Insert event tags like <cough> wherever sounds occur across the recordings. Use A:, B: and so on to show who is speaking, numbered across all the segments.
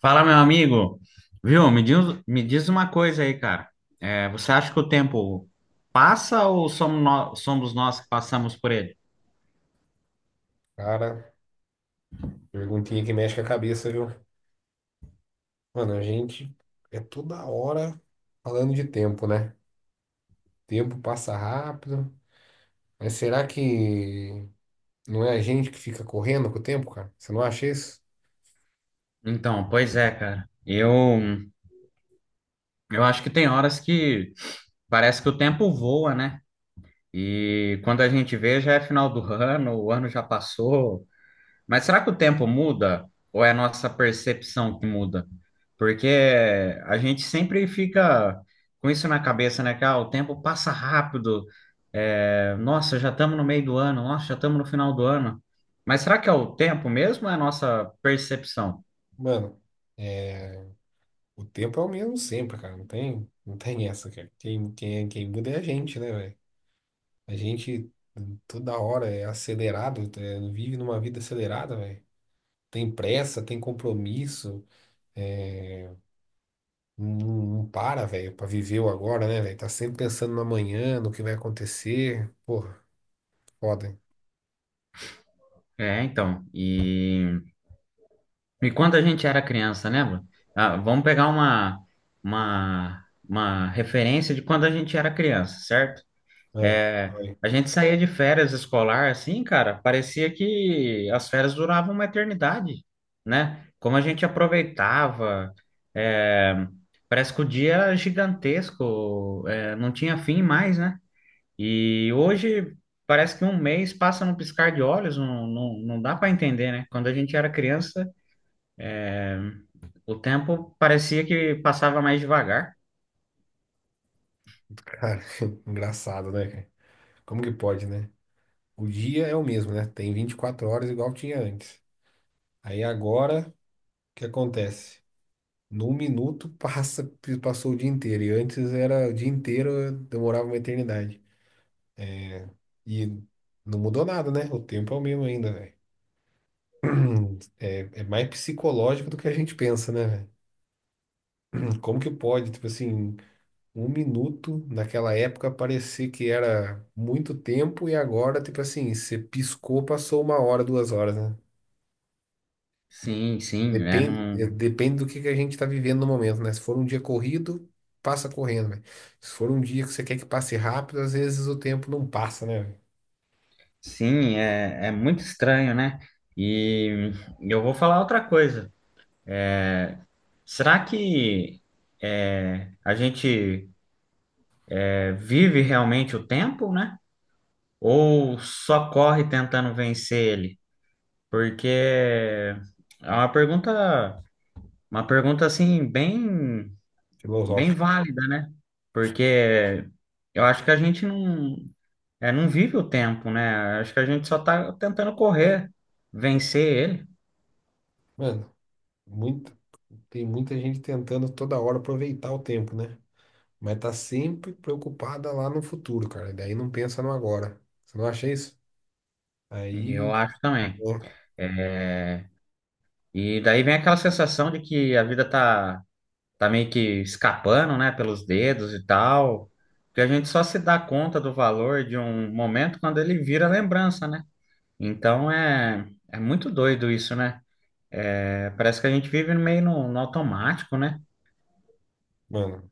A: Fala, meu amigo. Viu? Me diz uma coisa aí, cara. Você acha que o tempo passa ou somos nós que passamos por ele?
B: Cara, perguntinha que mexe com a cabeça, viu? Mano, a gente toda hora falando de tempo, né? Tempo passa rápido. Mas será que não é a gente que fica correndo com o tempo, cara? Você não acha isso?
A: Então, pois é, cara. Eu acho que tem horas que parece que o tempo voa, né? E quando a gente vê, já é final do ano, o ano já passou. Mas será que o tempo muda ou é a nossa percepção que muda? Porque a gente sempre fica com isso na cabeça, né? Que ah, o tempo passa rápido. É, nossa, já estamos no meio do ano. Nossa, já estamos no final do ano. Mas será que é o tempo mesmo ou é a nossa percepção?
B: Mano, é, o tempo é o mesmo sempre, cara. Não tem essa, cara. Quem muda é a gente, né, velho? A gente toda hora é acelerado, vive numa vida acelerada, velho. Tem pressa, tem compromisso. é, Não, não para, velho, pra viver o agora, né, velho? Tá sempre pensando no amanhã, no que vai acontecer. Porra, foda, hein?
A: É, então. E quando a gente era criança, lembra? Ah, vamos pegar uma referência de quando a gente era criança, certo?
B: É,
A: É,
B: ai,
A: a gente saía de férias escolar assim, cara, parecia que as férias duravam uma eternidade, né? Como a gente aproveitava, é, parece que o dia era gigantesco, não tinha fim mais, né? E hoje parece que um mês passa num piscar de olhos, não dá para entender, né? Quando a gente era criança, o tempo parecia que passava mais devagar.
B: cara, <laughs> engraçado, né, cara? Como que pode, né? O dia é o mesmo, né? Tem 24 horas igual tinha antes. Aí agora, o que acontece? Num minuto <laughs> passa, passou o dia inteiro. E antes era o dia inteiro, demorava uma eternidade. E não mudou nada, né? O tempo é o mesmo ainda, velho. <clears throat> É, é mais psicológico do que a gente pensa, né, velho? Como que pode, tipo assim, um minuto naquela época parecer que era muito tempo e agora, tipo assim, você piscou, passou uma hora, duas horas, né?
A: Sim, sim, é,
B: Depende,
A: não.
B: depende do que a gente tá vivendo no momento, né? Se for um dia corrido, passa correndo, velho. Se for um dia que você quer que passe rápido, às vezes o tempo não passa, né, velho?
A: Sim, é, é muito estranho, né? E eu vou falar outra coisa. Será que a gente vive realmente o tempo, né? Ou só corre tentando vencer ele? Porque é uma pergunta assim bem, bem
B: Filosófico.
A: válida, né? Porque eu acho que a gente não, não vive o tempo, né? Acho que a gente só está tentando correr, vencer
B: Mano, muita, tem muita gente tentando toda hora aproveitar o tempo, né? Mas tá sempre preocupada lá no futuro, cara. Daí não pensa no agora. Você não acha isso?
A: ele. E
B: Aí
A: eu acho também. É,
B: né?
A: e daí vem aquela sensação de que tá meio que escapando, né, pelos dedos e tal, que a gente só se dá conta do valor de um momento quando ele vira lembrança, né? Então é, é muito doido isso, né? É, parece que a gente vive meio no, no automático, né?
B: Mano,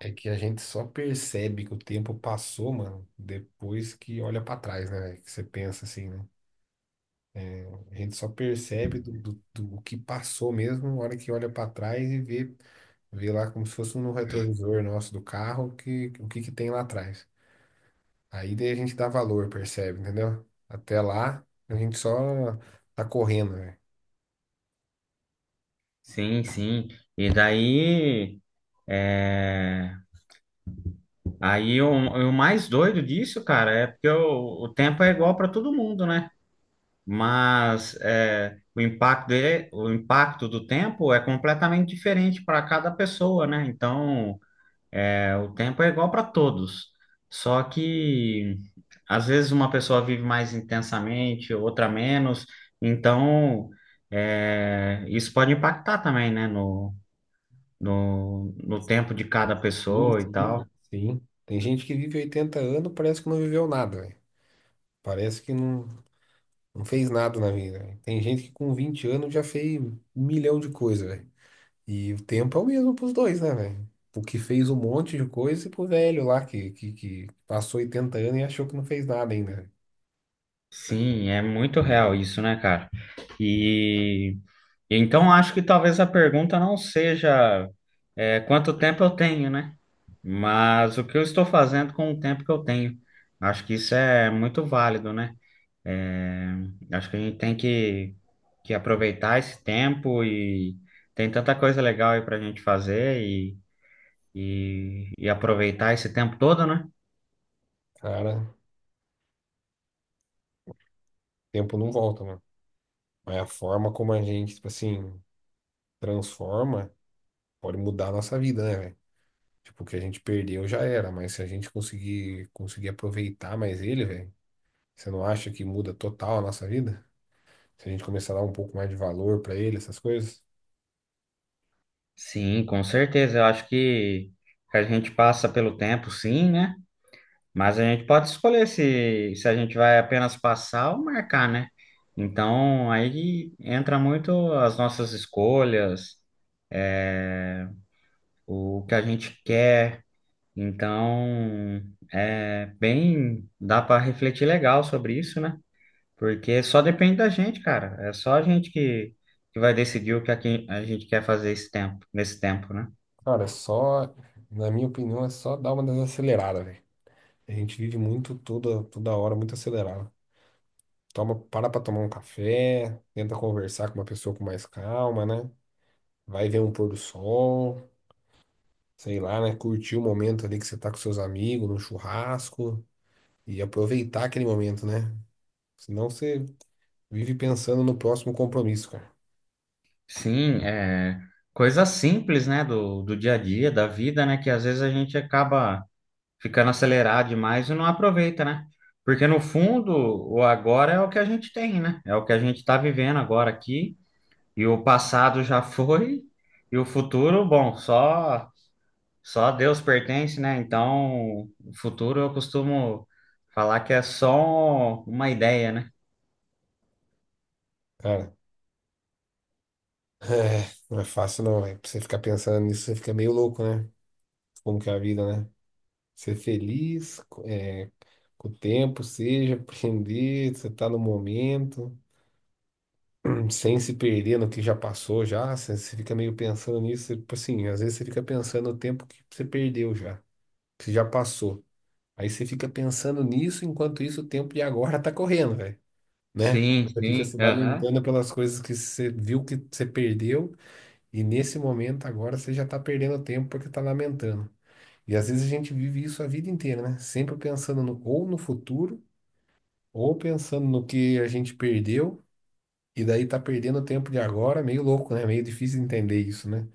B: é que a gente só percebe que o tempo passou, mano, depois que olha pra trás, né? Que você pensa assim, né? É, a gente só percebe do que passou mesmo na hora que olha pra trás e vê, vê lá como se fosse no retrovisor nosso do carro que, o que que tem lá atrás. Aí daí a gente dá valor, percebe, entendeu? Até lá, a gente só tá correndo, velho.
A: Sim, sim. E daí, é, aí o mais doido disso, cara, é porque o tempo é igual para todo mundo, né? Mas é, o impacto dele, o impacto do tempo é completamente diferente para cada pessoa, né? Então, o tempo é igual para todos, só que às vezes uma pessoa vive mais intensamente, outra menos, então isso pode impactar também, né? No, no tempo de cada
B: Sim,
A: pessoa e
B: sim,
A: tal.
B: cara. Sim. Tem gente que vive 80 anos, parece que não viveu nada, velho. Parece que não. Não fez nada na vida, velho. Tem gente que com 20 anos já fez 1 milhão de coisas, velho. E o tempo é o mesmo pros dois, né, velho? O que fez um monte de coisa e pro velho lá que passou 80 anos e achou que não fez nada ainda, velho.
A: Sim, é muito real isso, né, cara? E então acho que talvez a pergunta não seja quanto tempo eu tenho, né? Mas o que eu estou fazendo com o tempo que eu tenho. Acho que isso é muito válido, né? É, acho que a gente que aproveitar esse tempo e tem tanta coisa legal aí pra gente fazer e aproveitar esse tempo todo, né?
B: Cara, o tempo não volta, mano. Mas a forma como a gente, tipo assim, transforma pode mudar a nossa vida, né, velho? Tipo, o que a gente perdeu já era, mas se a gente conseguir aproveitar mais ele, velho, você não acha que muda total a nossa vida? Se a gente começar a dar um pouco mais de valor pra ele, essas coisas?
A: Sim, com certeza. Eu acho que a gente passa pelo tempo, sim, né? Mas a gente pode escolher se a gente vai apenas passar ou marcar, né? Então, aí entra muito as nossas escolhas, é, o que a gente quer. Então, é bem, dá para refletir legal sobre isso, né? Porque só depende da gente, cara. É só a gente que vai decidir que a gente quer fazer esse tempo, nesse tempo, né?
B: Cara, na minha opinião, é só dar uma desacelerada, velho. A gente vive muito toda hora, muito acelerado. Para pra tomar um café, tenta conversar com uma pessoa com mais calma, né? Vai ver um pôr do sol, sei lá, né? Curtir o momento ali que você tá com seus amigos, no churrasco, e aproveitar aquele momento, né? Senão você vive pensando no próximo compromisso, cara.
A: Sim, é coisa simples, né, do dia a dia, da vida, né, que às vezes a gente acaba ficando acelerado demais e não aproveita, né? Porque no fundo, o agora é o que a gente tem, né? É o que a gente está vivendo agora aqui, e o passado já <laughs> foi, e o futuro, bom, só a Deus pertence, né? Então, o futuro eu costumo falar que é só uma ideia, né?
B: Cara, <laughs> é, não é fácil não, velho. Pra você ficar pensando nisso, você fica meio louco, né? Como que é a vida, né? Ser feliz. Com o tempo, seja, aprender, você tá no momento, sem se perder no que já passou já, você fica meio pensando nisso, você, tipo assim, às vezes você fica pensando no tempo que você perdeu já, que já passou. Aí você fica pensando nisso, enquanto isso o tempo de agora tá correndo, velho, né?
A: Sim,
B: Você fica
A: sim,
B: se
A: aham.
B: lamentando pelas coisas que você viu que você perdeu, e nesse momento agora você já tá perdendo tempo porque tá lamentando. E às vezes a gente vive isso a vida inteira, né? Sempre pensando no, ou no futuro, ou pensando no que a gente perdeu, e daí tá perdendo o tempo de agora, meio louco, né? Meio difícil entender isso, né?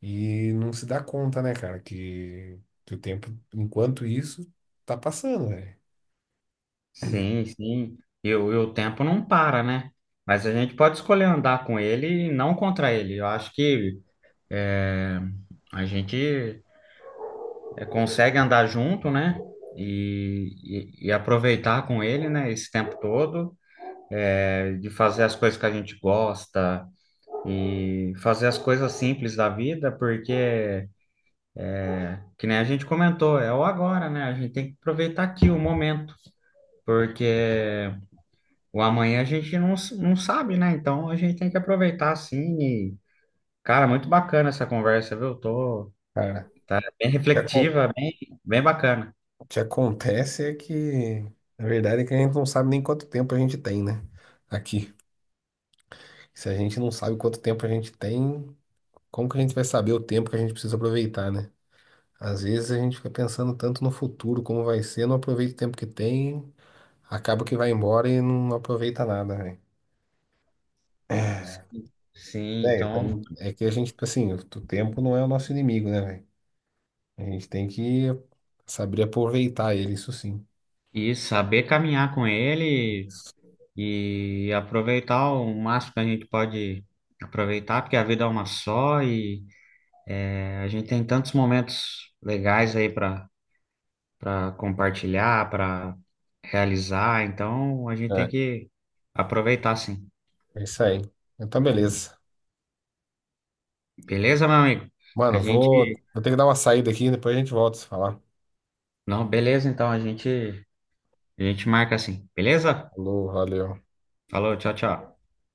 B: E não se dá conta, né, cara, que o tempo, enquanto isso, tá passando, velho.
A: Sim, sim. E o tempo não para, né? Mas a gente pode escolher andar com ele e não contra ele. Eu acho que é, a gente é, consegue andar junto, né? E aproveitar com ele, né? Esse tempo todo, é, de fazer as coisas que a gente gosta e fazer as coisas simples da vida, porque, que nem a gente comentou, é o agora, né? A gente tem que aproveitar aqui o momento, porque o amanhã a gente não, não sabe, né? Então a gente tem que aproveitar assim. E, cara, muito bacana essa conversa, viu? Tô,
B: Cara,
A: tá bem
B: o que acon-
A: reflexiva, bem, bem bacana.
B: o que acontece é que, na verdade, é que a gente não sabe nem quanto tempo a gente tem, né? Aqui. Se a gente não sabe quanto tempo a gente tem, como que a gente vai saber o tempo que a gente precisa aproveitar, né? Às vezes a gente fica pensando tanto no futuro, como vai ser, não aproveita o tempo que tem. Acaba que vai embora e não aproveita nada, velho. É,
A: Sim, então,
B: velho, é que a gente, tipo assim, o tempo não é o nosso inimigo, né, velho? A gente tem que saber aproveitar ele, isso sim.
A: e saber caminhar com ele e aproveitar o máximo que a gente pode aproveitar, porque a vida é uma só e é, a gente tem tantos momentos legais aí para para compartilhar, para realizar. Então a gente tem
B: É,
A: que aproveitar, sim.
B: é isso aí. Então, beleza.
A: Beleza, meu amigo? A
B: Mano,
A: gente.
B: vou ter que dar uma saída aqui, depois a gente volta a se falar.
A: Não, beleza, então a gente marca assim. Beleza?
B: Falou, valeu.
A: Falou, tchau, tchau.